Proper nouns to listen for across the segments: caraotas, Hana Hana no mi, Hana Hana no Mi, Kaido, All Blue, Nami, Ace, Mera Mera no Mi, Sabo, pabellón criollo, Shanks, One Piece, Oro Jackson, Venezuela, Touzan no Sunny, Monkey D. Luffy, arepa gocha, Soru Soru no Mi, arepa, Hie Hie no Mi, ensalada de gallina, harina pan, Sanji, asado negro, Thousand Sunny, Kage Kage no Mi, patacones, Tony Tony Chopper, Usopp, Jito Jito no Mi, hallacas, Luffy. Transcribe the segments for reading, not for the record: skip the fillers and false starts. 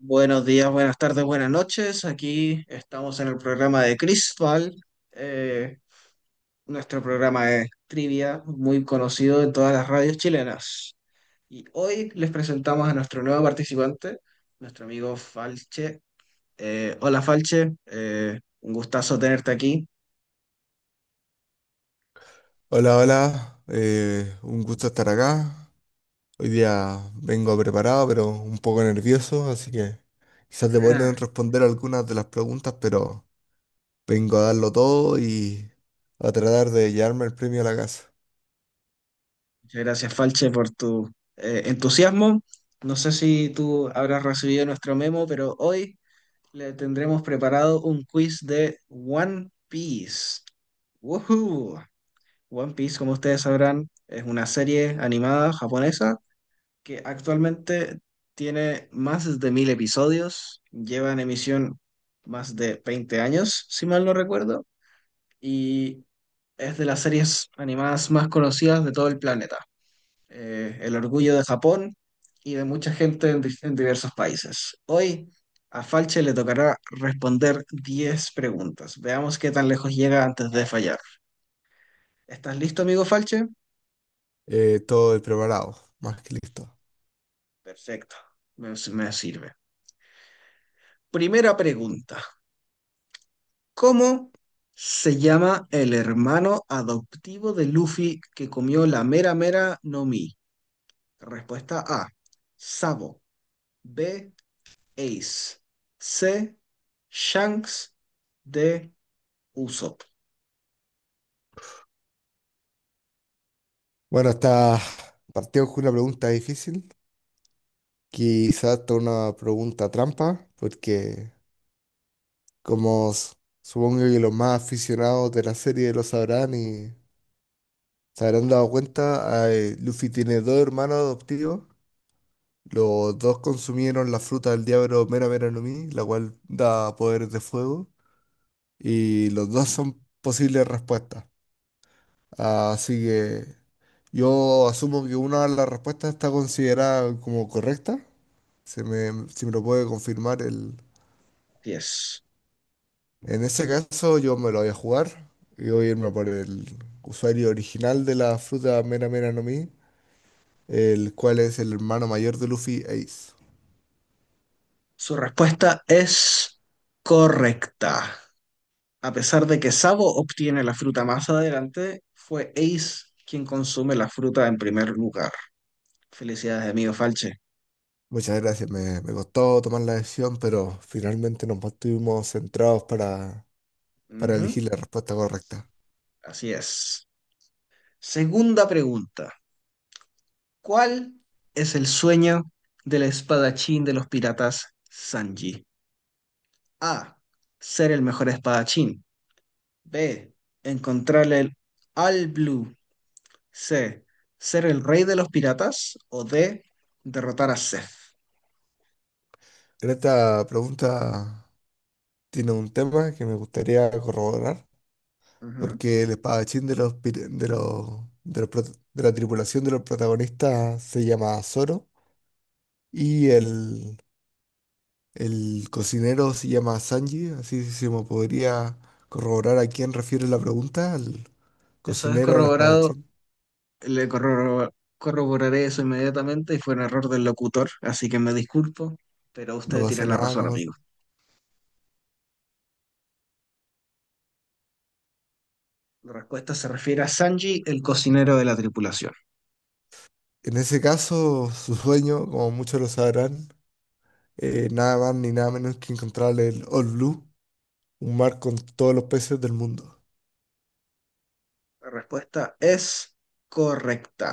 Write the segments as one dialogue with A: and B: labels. A: Buenos días, buenas tardes, buenas noches. Aquí estamos en el programa de Crisval. Eh, Nuestro programa es trivia, muy conocido en todas las radios chilenas. Y hoy les presentamos a nuestro nuevo participante, nuestro amigo Falche. Hola Falche, un gustazo tenerte aquí.
B: Hola, hola, un gusto estar acá. Hoy día vengo preparado, pero un poco nervioso, así que quizás te puedan
A: Ah.
B: responder algunas de las preguntas, pero vengo a darlo todo y a tratar de llevarme el premio a la casa.
A: Muchas gracias Falche por tu entusiasmo. No sé si tú habrás recibido nuestro memo, pero hoy le tendremos preparado un quiz de One Piece. ¡Woohoo! One Piece, como ustedes sabrán, es una serie animada japonesa que actualmente tiene más de 1.000 episodios, lleva en emisión más de 20 años, si mal no recuerdo, y es de las series animadas más conocidas de todo el planeta, el orgullo de Japón y de mucha gente en, en diversos países. Hoy a Falche le tocará responder 10 preguntas. Veamos qué tan lejos llega antes de fallar. ¿Estás listo, amigo Falche?
B: Todo el preparado, más que listo.
A: Perfecto, me sirve. Primera pregunta. ¿Cómo se llama el hermano adoptivo de Luffy que comió la mera mera no Mi? Respuesta A, Sabo. B, Ace. C, Shanks. D, Usopp.
B: Bueno, está partimos con una pregunta difícil, quizás hasta una pregunta trampa, porque como s- supongo que los más aficionados de la serie lo sabrán y se habrán dado cuenta, Luffy tiene dos hermanos adoptivos. Los dos consumieron la fruta del diablo Mera Mera no Mi, la cual da poderes de fuego. Y los dos son posibles respuestas. Así que yo asumo que una de las respuestas está considerada como correcta. Si me lo puede confirmar el...
A: 10.
B: En ese caso yo me lo voy a jugar y voy a irme por el usuario original de la fruta Mera Mera no Mi, el cual es el hermano mayor de Luffy, Ace.
A: Su respuesta es correcta. A pesar de que Sabo obtiene la fruta más adelante, fue Ace quien consume la fruta en primer lugar. Felicidades, amigo Falche.
B: Muchas gracias, me costó tomar la decisión, pero finalmente nos mantuvimos centrados para
A: Ujú.
B: elegir la respuesta correcta.
A: Así es. Segunda pregunta. ¿Cuál es el sueño del espadachín de los piratas Sanji? A, ser el mejor espadachín. B, encontrarle el All Blue. C, ser el rey de los piratas. O D, derrotar a Seth.
B: En esta pregunta tiene un tema que me gustaría corroborar,
A: Ujú.
B: porque el espadachín de los, pir- de los prot- de la tripulación de los protagonistas se llama Zoro y el cocinero se llama Sanji, así se me podría corroborar a quién refiere la pregunta, al
A: Eso es
B: cocinero, al
A: corroborado.
B: espadachín.
A: Le corroboraré eso inmediatamente y fue un error del locutor, así que me disculpo, pero
B: No
A: usted
B: pasa
A: tiene la
B: nada,
A: razón,
B: no pasa.
A: amigo. La respuesta se refiere a Sanji, el cocinero de la tripulación.
B: En ese caso, su sueño, como muchos lo sabrán, nada más ni nada menos que encontrar el All Blue, un mar con todos los peces del mundo.
A: La respuesta es correcta.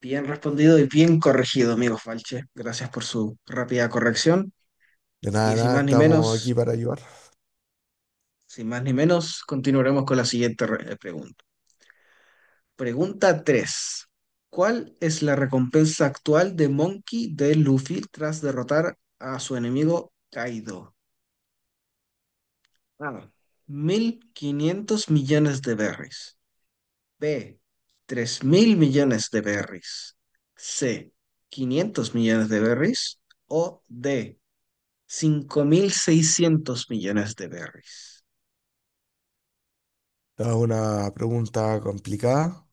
A: Bien respondido y bien corregido, amigo Falche. Gracias por su rápida corrección.
B: De nada,
A: Y sin
B: nada,
A: más ni
B: estamos aquí
A: menos,
B: para ayudar.
A: Continuaremos con la siguiente pregunta. Pregunta 3. ¿Cuál es la recompensa actual de Monkey de Luffy tras derrotar a su enemigo Kaido? A, 1.500 millones de berries. B, 3.000 millones de berries. C, 500 millones de berries. O D, 5.600 millones de berries.
B: Es una pregunta complicada,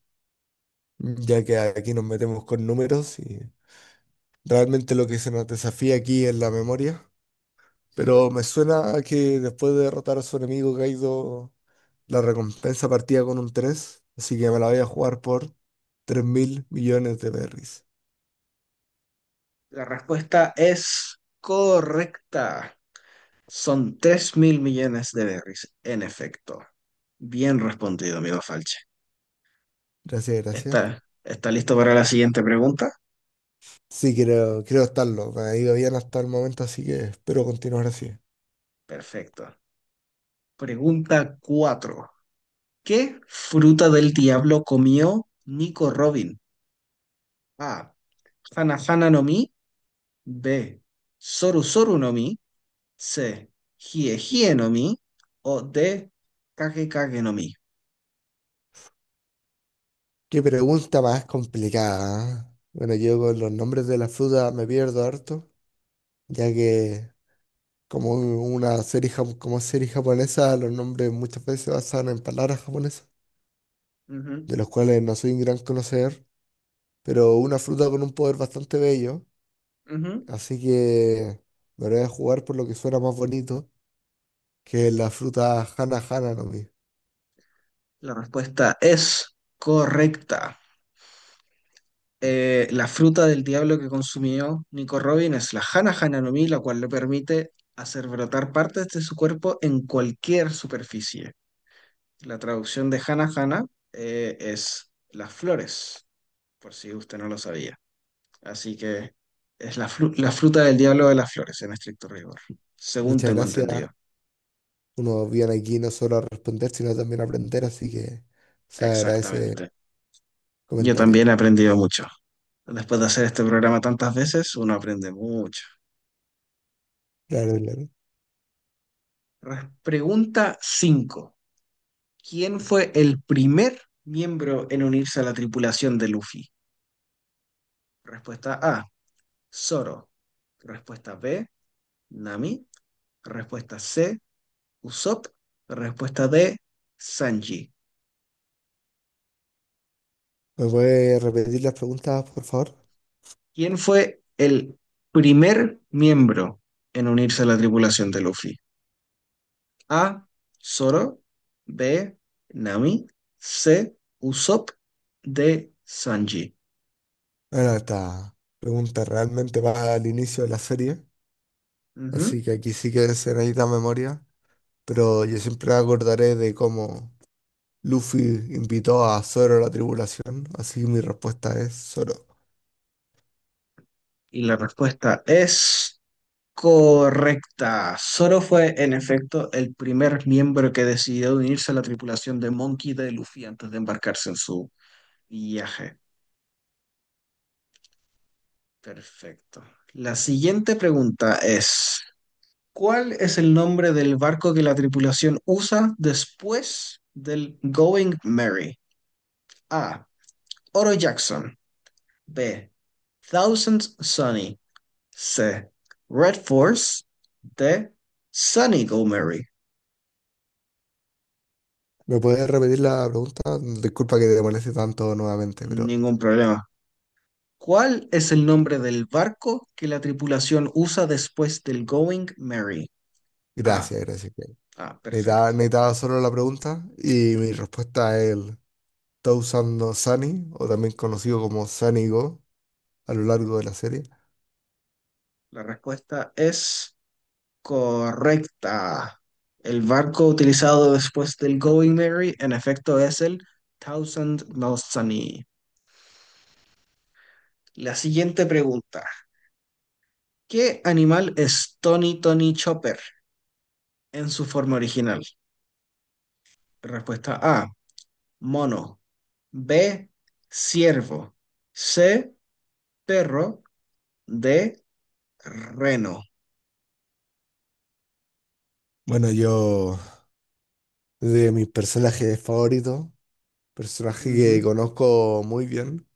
B: ya que aquí nos metemos con números y realmente lo que se nos desafía aquí es la memoria. Pero me suena a que después de derrotar a su enemigo Kaido, la recompensa partía con un tres, así que me la voy a jugar por 3.000.000.000 de berries.
A: La respuesta es correcta. Son 3.000 millones de berries, en efecto. Bien respondido, amigo Falche.
B: Gracias, gracias.
A: ¿Está listo para la siguiente pregunta?
B: Sí, creo estarlo. Me ha ido bien hasta el momento, así que espero
A: Uh,
B: continuar así.
A: Perfecto. Pregunta 4. ¿Qué fruta del diablo comió Nico Robin? A, Hana Hana no Mi. B, Soru Soru no Mi. C, Hie Hie no Mi. O D, Kage Kage no Mi.
B: Qué pregunta más complicada, ¿eh? Bueno, yo con los nombres de las frutas me pierdo harto, ya que una serie, como serie japonesa, los nombres muchas veces se basan en palabras japonesas,
A: Ujú,
B: de los cuales no soy un gran conocedor. Pero una fruta con un poder bastante bello,
A: ujú.
B: así que me lo voy a jugar por lo que suena más bonito, que es la fruta Hana Hana no Mi.
A: La respuesta es correcta. La fruta del diablo que consumió Nico Robin es la Hana Hana no mi, la cual le permite hacer brotar partes de su cuerpo en cualquier superficie. La traducción de Hana Hana es las flores, por si usted no lo sabía. Así que es la fruta del diablo de las flores, en estricto rigor, según
B: Muchas
A: tengo
B: gracias.
A: entendido.
B: Uno viene aquí no solo a responder, sino también a aprender, así que se agradece el
A: Exactamente. Yo también
B: comentario.
A: he aprendido mucho. Después de hacer este programa tantas veces, uno aprende mucho.
B: Claro, claro.
A: Pregunta cinco. ¿Quién fue el primer miembro en unirse a la tripulación de Luffy? Respuesta A, Zoro. Respuesta B, Nami. Respuesta C, Usopp. Respuesta D, Sanji.
B: ¿Me puede repetir las preguntas, por favor?
A: ¿Quién fue el primer miembro en unirse a la tripulación de Luffy? A, Zoro. B, Nami. C, Usopp. D, Sanji.
B: Bueno, esta pregunta realmente va al inicio de la serie,
A: Ujú.
B: así que aquí sí que se necesita memoria, pero yo siempre me acordaré de cómo Luffy invitó a Zoro a la tribulación, así que mi respuesta es Zoro.
A: Y la respuesta es... correcta. Zoro fue, en efecto, el primer miembro que decidió unirse a la tripulación de Monkey D. Luffy antes de embarcarse en su viaje. Perfecto. La siguiente pregunta es, ¿cuál es el nombre del barco que la tripulación usa después del Going Merry? A, Oro Jackson. B, Thousand Sunny. C, Red Force. D, Sunny Go Merry.
B: ¿Me puedes repetir la pregunta? Disculpa que te moleste tanto nuevamente, pero
A: Ningún problema. ¿Cuál es el nombre del barco que la tripulación usa después del Going Mary? Ah,
B: gracias, gracias. Ken.
A: ah, perfecto.
B: Necesitaba Zoro la pregunta y mi respuesta es el Touzan no Sunny, o también conocido como Sunny Go a lo largo de la serie.
A: La respuesta es correcta. El barco utilizado después del Going Mary, en efecto, es el Thousand Sunny. La siguiente pregunta. ¿Qué animal es Tony Tony Chopper en su forma original? Respuesta A, mono. B, ciervo. C, perro. D, reno.
B: Bueno, yo de mis personajes favoritos, personaje que
A: Ujú,
B: conozco muy bien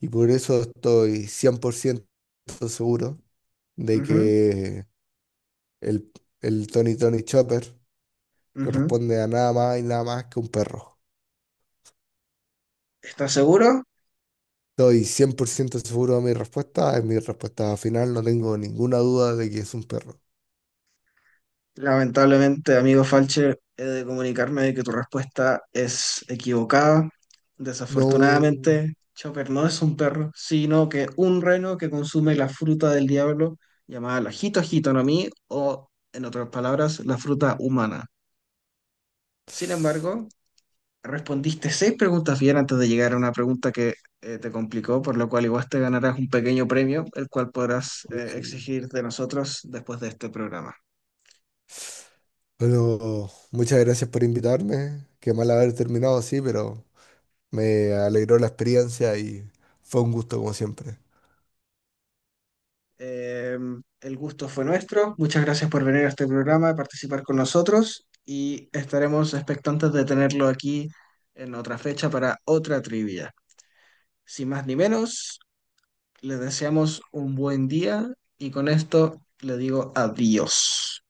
B: y por eso estoy 100% seguro de
A: ujú,
B: que El, el Tony Tony Chopper
A: ujú.
B: corresponde a nada más y nada más que un perro.
A: ¿Estás seguro?
B: Estoy 100% seguro de mi respuesta. Es mi respuesta final. No tengo ninguna duda de que es un perro.
A: Lamentablemente, amigo Falche, he de comunicarme de que tu respuesta es equivocada.
B: No.
A: Desafortunadamente, Chopper no es un perro, sino que un reno que consume la fruta del diablo, llamada la jito jito no mi, o en otras palabras, la fruta humana. Sin embargo, respondiste seis preguntas bien antes de llegar a una pregunta que te complicó, por lo cual igual te ganarás un pequeño premio, el cual podrás
B: Bien.
A: exigir de nosotros después de este programa.
B: Bueno, muchas gracias por invitarme. Qué mal haber terminado así, pero me alegró la experiencia y fue un gusto como siempre.
A: Eh, el gusto fue nuestro. Muchas gracias por venir a este programa, a participar con nosotros y estaremos expectantes de tenerlo aquí en otra fecha para otra trivia. Sin más ni menos, les deseamos un buen día y con esto le digo adiós.